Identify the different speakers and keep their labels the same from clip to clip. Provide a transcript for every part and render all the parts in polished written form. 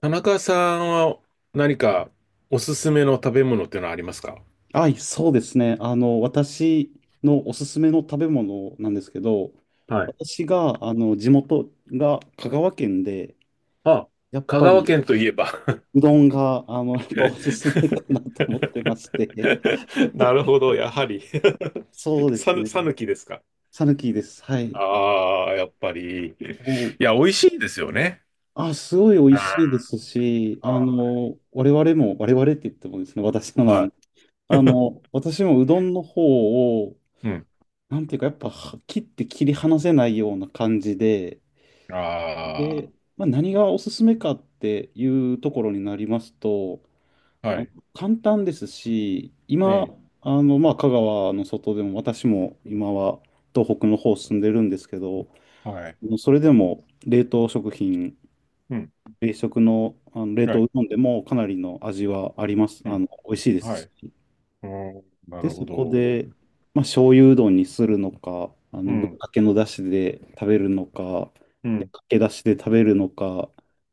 Speaker 1: 田中さんは何かおすすめの食べ物っていうのはありますか？
Speaker 2: はい、そうですね。私のおすすめの食べ物なんですけど、
Speaker 1: はい。
Speaker 2: 私が、地元が香川県で、
Speaker 1: あ、
Speaker 2: やっ
Speaker 1: 香
Speaker 2: ぱ
Speaker 1: 川
Speaker 2: り
Speaker 1: 県といえば。
Speaker 2: うどんが、やっぱおすすめかなと思ってまして、
Speaker 1: なるほど、やはり
Speaker 2: そう ですね。
Speaker 1: さぬきですか？
Speaker 2: さぬきです。はい。
Speaker 1: ああ、やっぱり。い
Speaker 2: もう、
Speaker 1: や、美味しいですよね。
Speaker 2: あ、すごい美味しいで
Speaker 1: あ
Speaker 2: すし、我々も、我々って言ってもですね、私のな
Speaker 1: あ、
Speaker 2: の
Speaker 1: は
Speaker 2: で、私もうどんの方を、
Speaker 1: い。うん。
Speaker 2: なんていうか、やっぱは切って切り離せないような感じで、
Speaker 1: あ
Speaker 2: で、まあ、何がおすすめかっていうところになりますと、
Speaker 1: あ、
Speaker 2: あ
Speaker 1: は
Speaker 2: の
Speaker 1: い。
Speaker 2: 簡単ですし、
Speaker 1: え
Speaker 2: 今、
Speaker 1: え、
Speaker 2: まあ、香川の外でも、私も今は東北の方住んでるんですけど、
Speaker 1: はい。
Speaker 2: それでも冷凍食品、
Speaker 1: うん、
Speaker 2: 冷食の、冷
Speaker 1: は
Speaker 2: 凍
Speaker 1: い。
Speaker 2: うどんでもかなりの味はあります、
Speaker 1: うん、
Speaker 2: 美味しいで
Speaker 1: は
Speaker 2: す
Speaker 1: い。
Speaker 2: し、
Speaker 1: うん、な
Speaker 2: で、
Speaker 1: るほ
Speaker 2: そこ
Speaker 1: ど。
Speaker 2: で、まあ、醤油うどんにするのか、
Speaker 1: う
Speaker 2: ぶっ
Speaker 1: ん、
Speaker 2: かけのだしで食べるのか、
Speaker 1: う
Speaker 2: で
Speaker 1: ん、
Speaker 2: かけだしで食べるのか、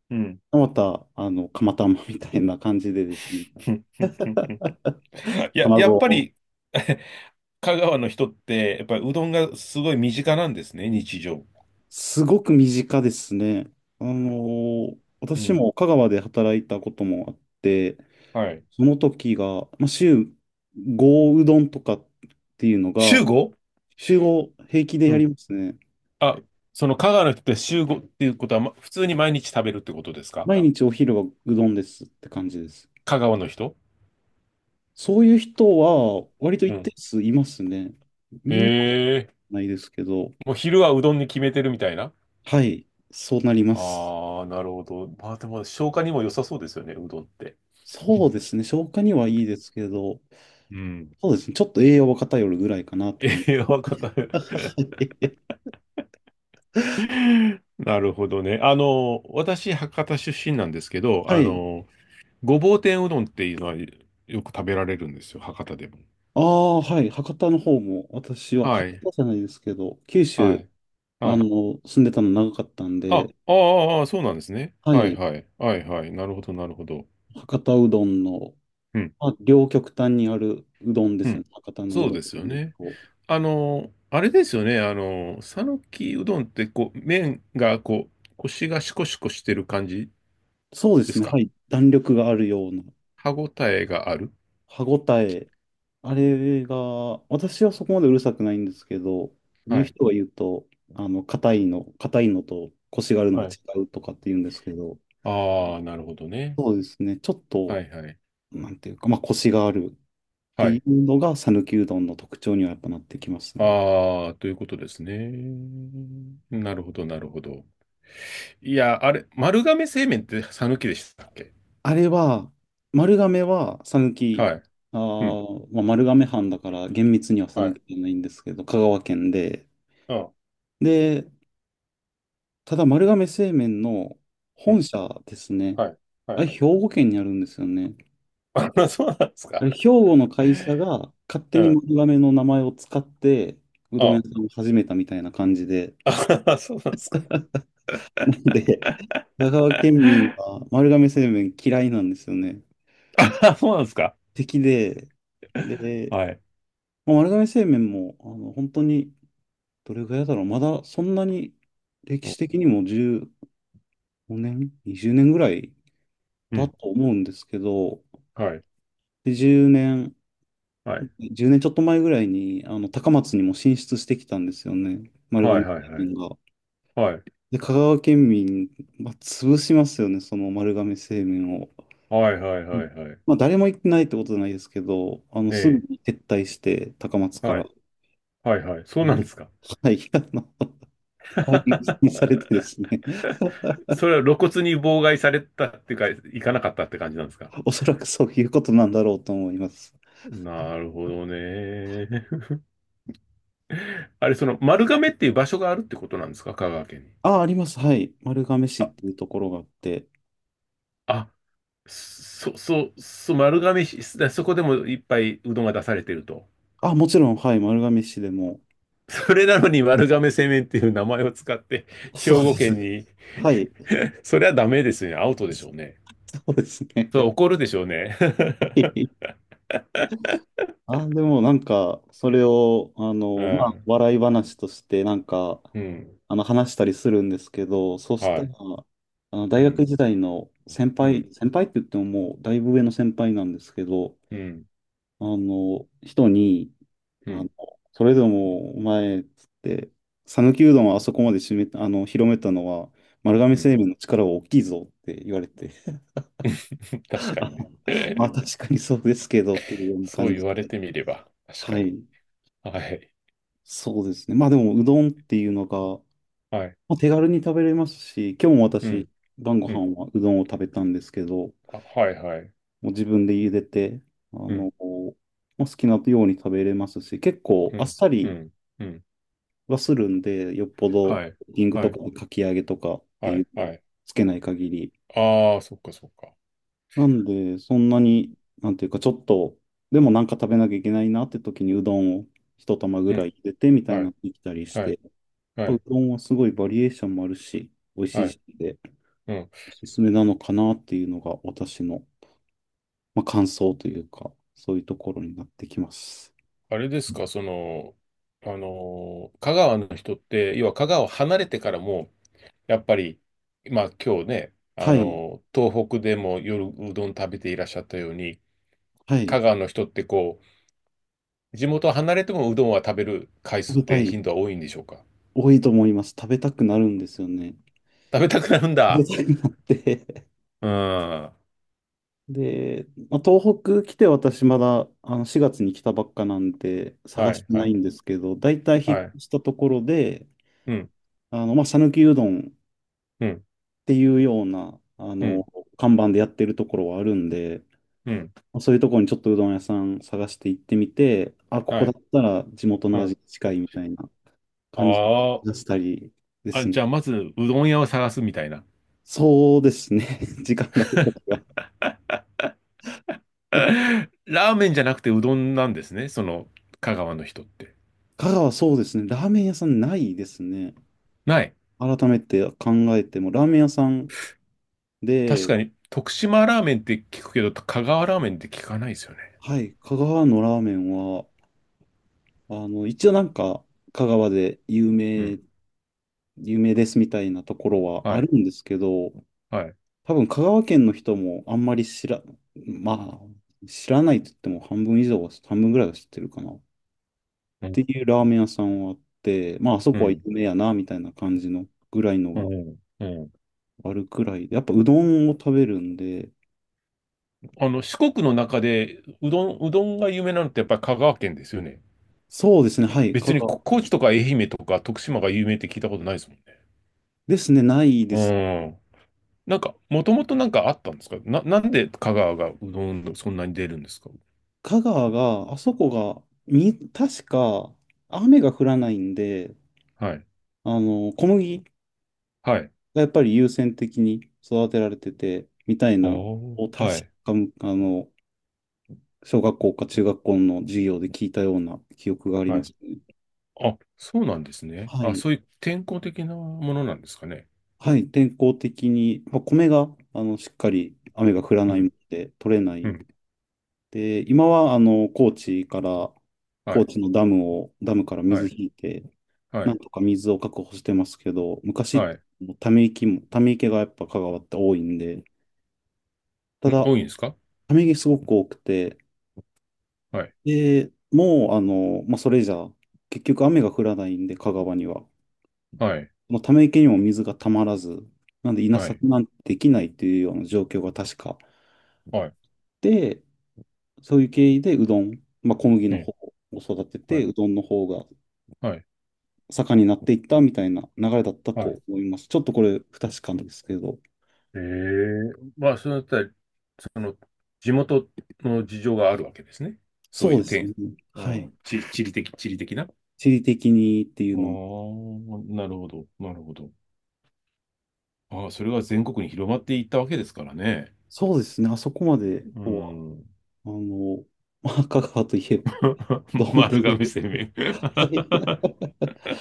Speaker 1: うん。
Speaker 2: また、釜玉みたいな感じでですね、卵
Speaker 1: やっぱ
Speaker 2: を、
Speaker 1: り 香川の人って、やっぱりうどんがすごい身近なんですね、日常。
Speaker 2: すごく身近ですね。あの
Speaker 1: う
Speaker 2: 私
Speaker 1: ん。
Speaker 2: も香川で働いたこともあって、
Speaker 1: はい。
Speaker 2: その時が、まあ、週5うどんとかっていうのが、
Speaker 1: 週ご。
Speaker 2: 週5平気で
Speaker 1: う
Speaker 2: やり
Speaker 1: ん。
Speaker 2: ますね。
Speaker 1: あ、その香川の人って週ごっていうことは、ま、普通に毎日食べるってことですか？
Speaker 2: 毎日お昼はうどんですって感じです。
Speaker 1: 香川の人。
Speaker 2: そういう人は、割と
Speaker 1: う
Speaker 2: 一定
Speaker 1: ん。
Speaker 2: 数いますね。みんな
Speaker 1: へえ。
Speaker 2: ないですけど、
Speaker 1: もう昼はうどんに決めてるみたいな。
Speaker 2: はい、そうなります。
Speaker 1: ああ、なるほど。まあでも消化にも良さそうですよね、うどんって。
Speaker 2: そうですね。消化にはいいですけど、
Speaker 1: うん。
Speaker 2: そうですね。ちょっと栄養は偏るぐらいかなっ て感じ。
Speaker 1: 栄養った なるほどね。あの、私、博多出身なんですけど、
Speaker 2: は
Speaker 1: あ
Speaker 2: い。
Speaker 1: の、ごぼう天うどんっていうのはよく食べられるんですよ、博多でも。
Speaker 2: ああ、はい。博多の方も、私は、
Speaker 1: は
Speaker 2: 博
Speaker 1: い、
Speaker 2: 多じゃないですけど、九
Speaker 1: は
Speaker 2: 州、
Speaker 1: い、は
Speaker 2: あの、
Speaker 1: い。
Speaker 2: 住んでたの長かったん
Speaker 1: あ、あ
Speaker 2: で、
Speaker 1: あ、ああそうなんですね。
Speaker 2: は
Speaker 1: はい、
Speaker 2: い。
Speaker 1: はい、はい、はい。なるほど、なるほど。
Speaker 2: 博多うどんの、
Speaker 1: うん、
Speaker 2: まあ、両極端にあるうどんで
Speaker 1: う
Speaker 2: すよ
Speaker 1: ん。
Speaker 2: ね。博多のう
Speaker 1: そう
Speaker 2: どんっ
Speaker 1: ですよ
Speaker 2: ていう
Speaker 1: ね。
Speaker 2: と
Speaker 1: あの、あれですよね。あの、讃岐うどんって、こう、麺が、こう、腰がシコシコしてる感じ
Speaker 2: そうで
Speaker 1: で
Speaker 2: す
Speaker 1: す
Speaker 2: ね。は
Speaker 1: か？
Speaker 2: い。弾力があるような、
Speaker 1: 歯ごたえがある。
Speaker 2: 歯ごたえ、あれが、私はそこまでうるさくないんですけど、
Speaker 1: は
Speaker 2: 言う
Speaker 1: い、
Speaker 2: 人が言うと、硬いのと腰があるのは
Speaker 1: はい。
Speaker 2: 違うとかって言うんですけど、
Speaker 1: ああ、なるほどね。
Speaker 2: そうですね、ちょっと、
Speaker 1: はい、はい、
Speaker 2: なんていうか、まあ、腰があるって
Speaker 1: は
Speaker 2: い
Speaker 1: い。
Speaker 2: うのが、讃岐うどんの特徴にはやっぱなってきますね。
Speaker 1: ああ、ということですね。なるほど、なるほど。いや、あれ、丸亀製麺って讃岐でしたっけ？
Speaker 2: あれは、丸亀は讃岐、
Speaker 1: はい。うん。
Speaker 2: まあ、丸亀藩だから厳密には
Speaker 1: は
Speaker 2: 讃
Speaker 1: い。
Speaker 2: 岐じゃないんですけど、香川県で、
Speaker 1: うん。
Speaker 2: で、ただ丸亀製麺の
Speaker 1: う
Speaker 2: 本
Speaker 1: ん。
Speaker 2: 社ですね。
Speaker 1: はい。は
Speaker 2: あれ、
Speaker 1: い。
Speaker 2: 兵庫県にあるんですよね。
Speaker 1: あ、そうなんです
Speaker 2: あ
Speaker 1: か。
Speaker 2: れ、兵庫の会社が勝手
Speaker 1: う
Speaker 2: に
Speaker 1: ん。
Speaker 2: 丸亀の名前を使って、うどん屋
Speaker 1: あ、
Speaker 2: さんを始めたみたいな感じで。
Speaker 1: あ、そうなんですか。
Speaker 2: なんで、香川県民は 丸亀製麺嫌いなんですよね。
Speaker 1: あ、そうなんですか。
Speaker 2: 敵で、で、
Speaker 1: はい。
Speaker 2: まあ丸亀製麺も、本当に、どれぐらいだろう、まだそんなに歴
Speaker 1: うん。
Speaker 2: 史的にも15年、20年ぐらい
Speaker 1: う
Speaker 2: だ
Speaker 1: ん。
Speaker 2: と思うんですけど、
Speaker 1: はい。
Speaker 2: で10年
Speaker 1: はい。
Speaker 2: 10年ちょっと前ぐらいに、高松にも進出してきたんですよね。丸
Speaker 1: は
Speaker 2: 亀
Speaker 1: い。はい。
Speaker 2: 製
Speaker 1: はい。
Speaker 2: 麺が。
Speaker 1: はい。
Speaker 2: で、香川県民、まあ、潰しますよね、その丸亀製麺を。
Speaker 1: はい。はい。
Speaker 2: う
Speaker 1: は
Speaker 2: ん
Speaker 1: い。はい。
Speaker 2: まあ、誰も行ってないってことじゃないですけど、
Speaker 1: え
Speaker 2: すぐ
Speaker 1: え。
Speaker 2: に撤退して、高松か
Speaker 1: は
Speaker 2: ら。
Speaker 1: い。はい。はい。そう
Speaker 2: う
Speaker 1: な
Speaker 2: ん
Speaker 1: んですか。
Speaker 2: はい、解任に されてですね。
Speaker 1: それは露骨に妨害されたっていうか、行かなかったって感じなんですか？
Speaker 2: おそらくそういうことなんだろうと思います。
Speaker 1: なるほどね。あれ、その丸亀っていう場所があるってことなんですか、香川県に？
Speaker 2: あ、あります。はい。丸亀市っ
Speaker 1: あ、
Speaker 2: ていうところがあって。
Speaker 1: あ、そ、そ、そ、丸亀市、だそこでもいっぱいうどんが出されてると。
Speaker 2: あ、もちろん、はい。丸亀市でも。
Speaker 1: それなのに丸亀製麺っていう名前を使って兵
Speaker 2: そうで
Speaker 1: 庫県
Speaker 2: す。
Speaker 1: に。
Speaker 2: はい。
Speaker 1: それはダメですよね。アウトでしょうね。
Speaker 2: そうですね。
Speaker 1: それ 怒るでしょうね。
Speaker 2: は いあ、でもなんか、それを、
Speaker 1: う
Speaker 2: まあ、
Speaker 1: ん。
Speaker 2: 笑い話として、なんか、
Speaker 1: うん。
Speaker 2: 話したりするんですけど、そうし
Speaker 1: は
Speaker 2: たら、
Speaker 1: い。
Speaker 2: 大
Speaker 1: う
Speaker 2: 学
Speaker 1: ん。
Speaker 2: 時代の先
Speaker 1: うん。
Speaker 2: 輩、先輩って言ってももう、だいぶ上の先輩なんですけど、
Speaker 1: うん。
Speaker 2: 人に、
Speaker 1: う
Speaker 2: あ
Speaker 1: ん。
Speaker 2: の、それでも、お前、っつって、讃岐うどんをあそこまで締めた、広めたのは、丸亀
Speaker 1: うん。
Speaker 2: 製麺の力は大きいぞって言われて、
Speaker 1: 確
Speaker 2: あ
Speaker 1: かにね
Speaker 2: まあ、確かにそうですけど、っていうような
Speaker 1: そう
Speaker 2: 感
Speaker 1: 言
Speaker 2: じ
Speaker 1: われ
Speaker 2: で。
Speaker 1: てみれば、確
Speaker 2: は
Speaker 1: かに。
Speaker 2: い、
Speaker 1: はい。
Speaker 2: そうですね。まあでも、うどんっていうのが、
Speaker 1: はい。
Speaker 2: まあ、手軽に食べれますし、今日も
Speaker 1: う
Speaker 2: 私、
Speaker 1: ん。
Speaker 2: 晩ご
Speaker 1: うん。
Speaker 2: 飯はうどんを食べたんですけど、も
Speaker 1: あ、はい、はい。
Speaker 2: う自分で茹でて、あ
Speaker 1: うん。
Speaker 2: の、まあ、好きなように食べれますし、結構
Speaker 1: う
Speaker 2: あっ
Speaker 1: ん、
Speaker 2: さ
Speaker 1: う
Speaker 2: り
Speaker 1: ん、うん。
Speaker 2: はするんで、よっぽど、
Speaker 1: はい、
Speaker 2: リング
Speaker 1: は
Speaker 2: とか
Speaker 1: い、
Speaker 2: かき揚げとかって
Speaker 1: は
Speaker 2: いう
Speaker 1: い、
Speaker 2: の
Speaker 1: は
Speaker 2: を
Speaker 1: い。
Speaker 2: つけない限り。
Speaker 1: ああ、そっか、そっか。
Speaker 2: なんで、そんな
Speaker 1: うん、
Speaker 2: に、なんていうか、ちょっと、でもなんか食べなきゃいけないなって時にうどんを一玉ぐ
Speaker 1: う
Speaker 2: らい
Speaker 1: ん。
Speaker 2: 茹でてみたい
Speaker 1: は
Speaker 2: なの
Speaker 1: い、
Speaker 2: できたりし
Speaker 1: はい、
Speaker 2: て、
Speaker 1: は
Speaker 2: ぱう
Speaker 1: い、
Speaker 2: どんはすごいバリエーションもあるし、美味し
Speaker 1: は
Speaker 2: い
Speaker 1: い。
Speaker 2: しで、
Speaker 1: うん。
Speaker 2: おすすめなのかなっていうのが私の、まあ、感想というか、そういうところになってきます。
Speaker 1: あれですか、その、あのー香川の人って、要は香川を離れてからも、やっぱり、まあ今日ね、あ
Speaker 2: はい、
Speaker 1: のー東北でも夜うどん食べていらっしゃったように、
Speaker 2: はい、
Speaker 1: 香川の人ってこう、地元を離れてもうどんは食べる回
Speaker 2: 食
Speaker 1: 数っ
Speaker 2: べた
Speaker 1: て
Speaker 2: い、
Speaker 1: 頻度は多いんでしょうか？
Speaker 2: 多いと思います。食べたくなるんですよね。
Speaker 1: 食べたくなるん
Speaker 2: 食
Speaker 1: だ。
Speaker 2: べたくなって。
Speaker 1: うん。は
Speaker 2: で、まあ、東北来て私まだ4月に来たばっかなんで
Speaker 1: い、
Speaker 2: 探してな
Speaker 1: は
Speaker 2: い
Speaker 1: い、
Speaker 2: んですけど、大体引
Speaker 1: は
Speaker 2: っ
Speaker 1: い。
Speaker 2: 越したところで、
Speaker 1: うん、
Speaker 2: まあ、讃岐うどんっ
Speaker 1: うん。
Speaker 2: ていうような、
Speaker 1: うん、
Speaker 2: 看板でやってるところはあるんで、
Speaker 1: うん、
Speaker 2: そういうところにちょっとうどん屋さん探して行ってみて、あ、ここ
Speaker 1: は
Speaker 2: だ
Speaker 1: い、
Speaker 2: ったら地元
Speaker 1: う
Speaker 2: の味
Speaker 1: ん。
Speaker 2: に近いみたいな感じ
Speaker 1: あ
Speaker 2: 出したりで
Speaker 1: あ、あ、
Speaker 2: すね。
Speaker 1: じゃあまずうどん屋を探すみたいな。
Speaker 2: そうですね。時間があるときは。
Speaker 1: ラーメンじゃなくてうどんなんですね、その香川の人って。
Speaker 2: 香川そうですね。ラーメン屋さんないですね。
Speaker 1: ない。
Speaker 2: 改めて考えても、ラーメン屋さん
Speaker 1: 確
Speaker 2: で、
Speaker 1: かに、徳島ラーメンって聞くけど、香川ラーメンって聞かないですよね。
Speaker 2: はい、香川のラーメンは、一応なんか、香川で有
Speaker 1: うん。
Speaker 2: 名、有名ですみたいなところは
Speaker 1: は
Speaker 2: あ
Speaker 1: い。
Speaker 2: るんですけど、
Speaker 1: はい。
Speaker 2: 多分香川県の人もあんまり知ら、まあ、知らないと言っても半分以上は、半分ぐらいは知ってるかな。っ
Speaker 1: うん。
Speaker 2: ていうラーメン屋さんはあって、まあ、あそ
Speaker 1: う
Speaker 2: こは有
Speaker 1: ん。
Speaker 2: 名やな、みたいな感じのぐらいの
Speaker 1: う
Speaker 2: が
Speaker 1: ん。うん。
Speaker 2: あるくらいで、やっぱうどんを食べるんで、
Speaker 1: あの、四国の中で、うどんが有名なのってやっぱり香川県ですよね。
Speaker 2: そうですね、はい、香
Speaker 1: 別に
Speaker 2: 川
Speaker 1: こ高知とか愛媛とか徳島が有名って聞いたことないですもん
Speaker 2: ですね、ないです。
Speaker 1: ね。うん。なんか、もともとなんかあったんですかな、なんで香川がうどんそんなに出るんですか？
Speaker 2: 香川が、あそこが、み、確か雨が降らないんで、
Speaker 1: はい。
Speaker 2: 小麦
Speaker 1: はい。
Speaker 2: がやっぱり優先的に育てられてて、みたい
Speaker 1: あ
Speaker 2: な、を
Speaker 1: あ、
Speaker 2: 確
Speaker 1: はい。
Speaker 2: か、あの、小学校か中学校の授業で聞いたような記憶があり
Speaker 1: は
Speaker 2: ま
Speaker 1: い。
Speaker 2: すね。
Speaker 1: あ、そうなんですね。
Speaker 2: は
Speaker 1: あ、
Speaker 2: い。
Speaker 1: そういう天候的なものなんですかね。
Speaker 2: はい。天候的に、まあ、米が、しっかり雨が降ら
Speaker 1: う
Speaker 2: ないの
Speaker 1: ん。
Speaker 2: で取れな
Speaker 1: う
Speaker 2: い。
Speaker 1: ん。
Speaker 2: で、今は、高知から、
Speaker 1: は
Speaker 2: 高
Speaker 1: い。
Speaker 2: 知のダムを、ダムから
Speaker 1: は
Speaker 2: 水
Speaker 1: い。
Speaker 2: 引いて、
Speaker 1: は
Speaker 2: なん
Speaker 1: い。
Speaker 2: とか水を確保してますけど、昔、
Speaker 1: は
Speaker 2: ため池も、ため池がやっぱ香川って多いんで、た
Speaker 1: い。ん、
Speaker 2: だ、
Speaker 1: 多いんですか？
Speaker 2: ため池すごく多くて、
Speaker 1: はい。
Speaker 2: で、もう、まあ、それじゃ、結局雨が降らないんで、香川には。
Speaker 1: はい。
Speaker 2: まあ、ため池にも水がたまらず、なんで稲
Speaker 1: はい。
Speaker 2: 作なんてできないっていうような状況が確か。
Speaker 1: はい。
Speaker 2: で、そういう経緯でうどん、まあ、小麦
Speaker 1: う
Speaker 2: の
Speaker 1: ん。
Speaker 2: 方を育て
Speaker 1: は
Speaker 2: て、
Speaker 1: い。
Speaker 2: うどんの方が
Speaker 1: はい。
Speaker 2: 盛んになっていったみたいな流れだった
Speaker 1: は
Speaker 2: と
Speaker 1: い。
Speaker 2: 思います。ちょっとこれ不確かなんですけど。
Speaker 1: ええ。まあ、そのあたり、その、地元の事情があるわけですね。そう
Speaker 2: そ
Speaker 1: い
Speaker 2: う
Speaker 1: う
Speaker 2: ですね。
Speaker 1: 天、う
Speaker 2: はい。
Speaker 1: ん、地理的、地理的な。
Speaker 2: 地理的にってい
Speaker 1: あ
Speaker 2: うのも。
Speaker 1: あ、なるほど、なるほど。ああ、それが全国に広まっていったわけですからね。
Speaker 2: そうですね。あそこまで
Speaker 1: う
Speaker 2: とは、
Speaker 1: ん。
Speaker 2: あの、まあ、香川といえば、うど んって、
Speaker 1: 丸亀製麺 ち
Speaker 2: はい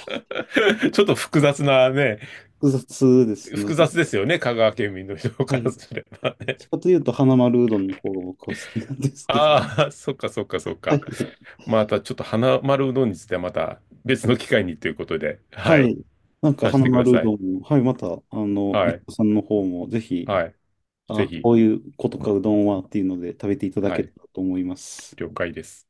Speaker 1: ょっと複雑なね、
Speaker 2: 複雑ですね。
Speaker 1: 複雑ですよね、香川県民の人
Speaker 2: は
Speaker 1: から
Speaker 2: い。
Speaker 1: すれば
Speaker 2: どっ
Speaker 1: ね。
Speaker 2: ちかというと、花丸うどんの方が僕は好きなんで すけど。
Speaker 1: ああ、そ っ
Speaker 2: は
Speaker 1: か。
Speaker 2: い。
Speaker 1: またちょっと花丸うどんについてはまた別の機会にということで、は
Speaker 2: は
Speaker 1: い、
Speaker 2: い。なんか、
Speaker 1: させ
Speaker 2: 花
Speaker 1: てくだ
Speaker 2: 丸う
Speaker 1: さい。
Speaker 2: どんも、はい、また、伊
Speaker 1: は
Speaker 2: 藤
Speaker 1: い、
Speaker 2: さんの方も、ぜひ、
Speaker 1: はい、ぜ
Speaker 2: あ、
Speaker 1: ひ、
Speaker 2: こういうことか、うどんはっていうので、食べていただ
Speaker 1: は
Speaker 2: けた
Speaker 1: い、
Speaker 2: らと思います。
Speaker 1: 了解です。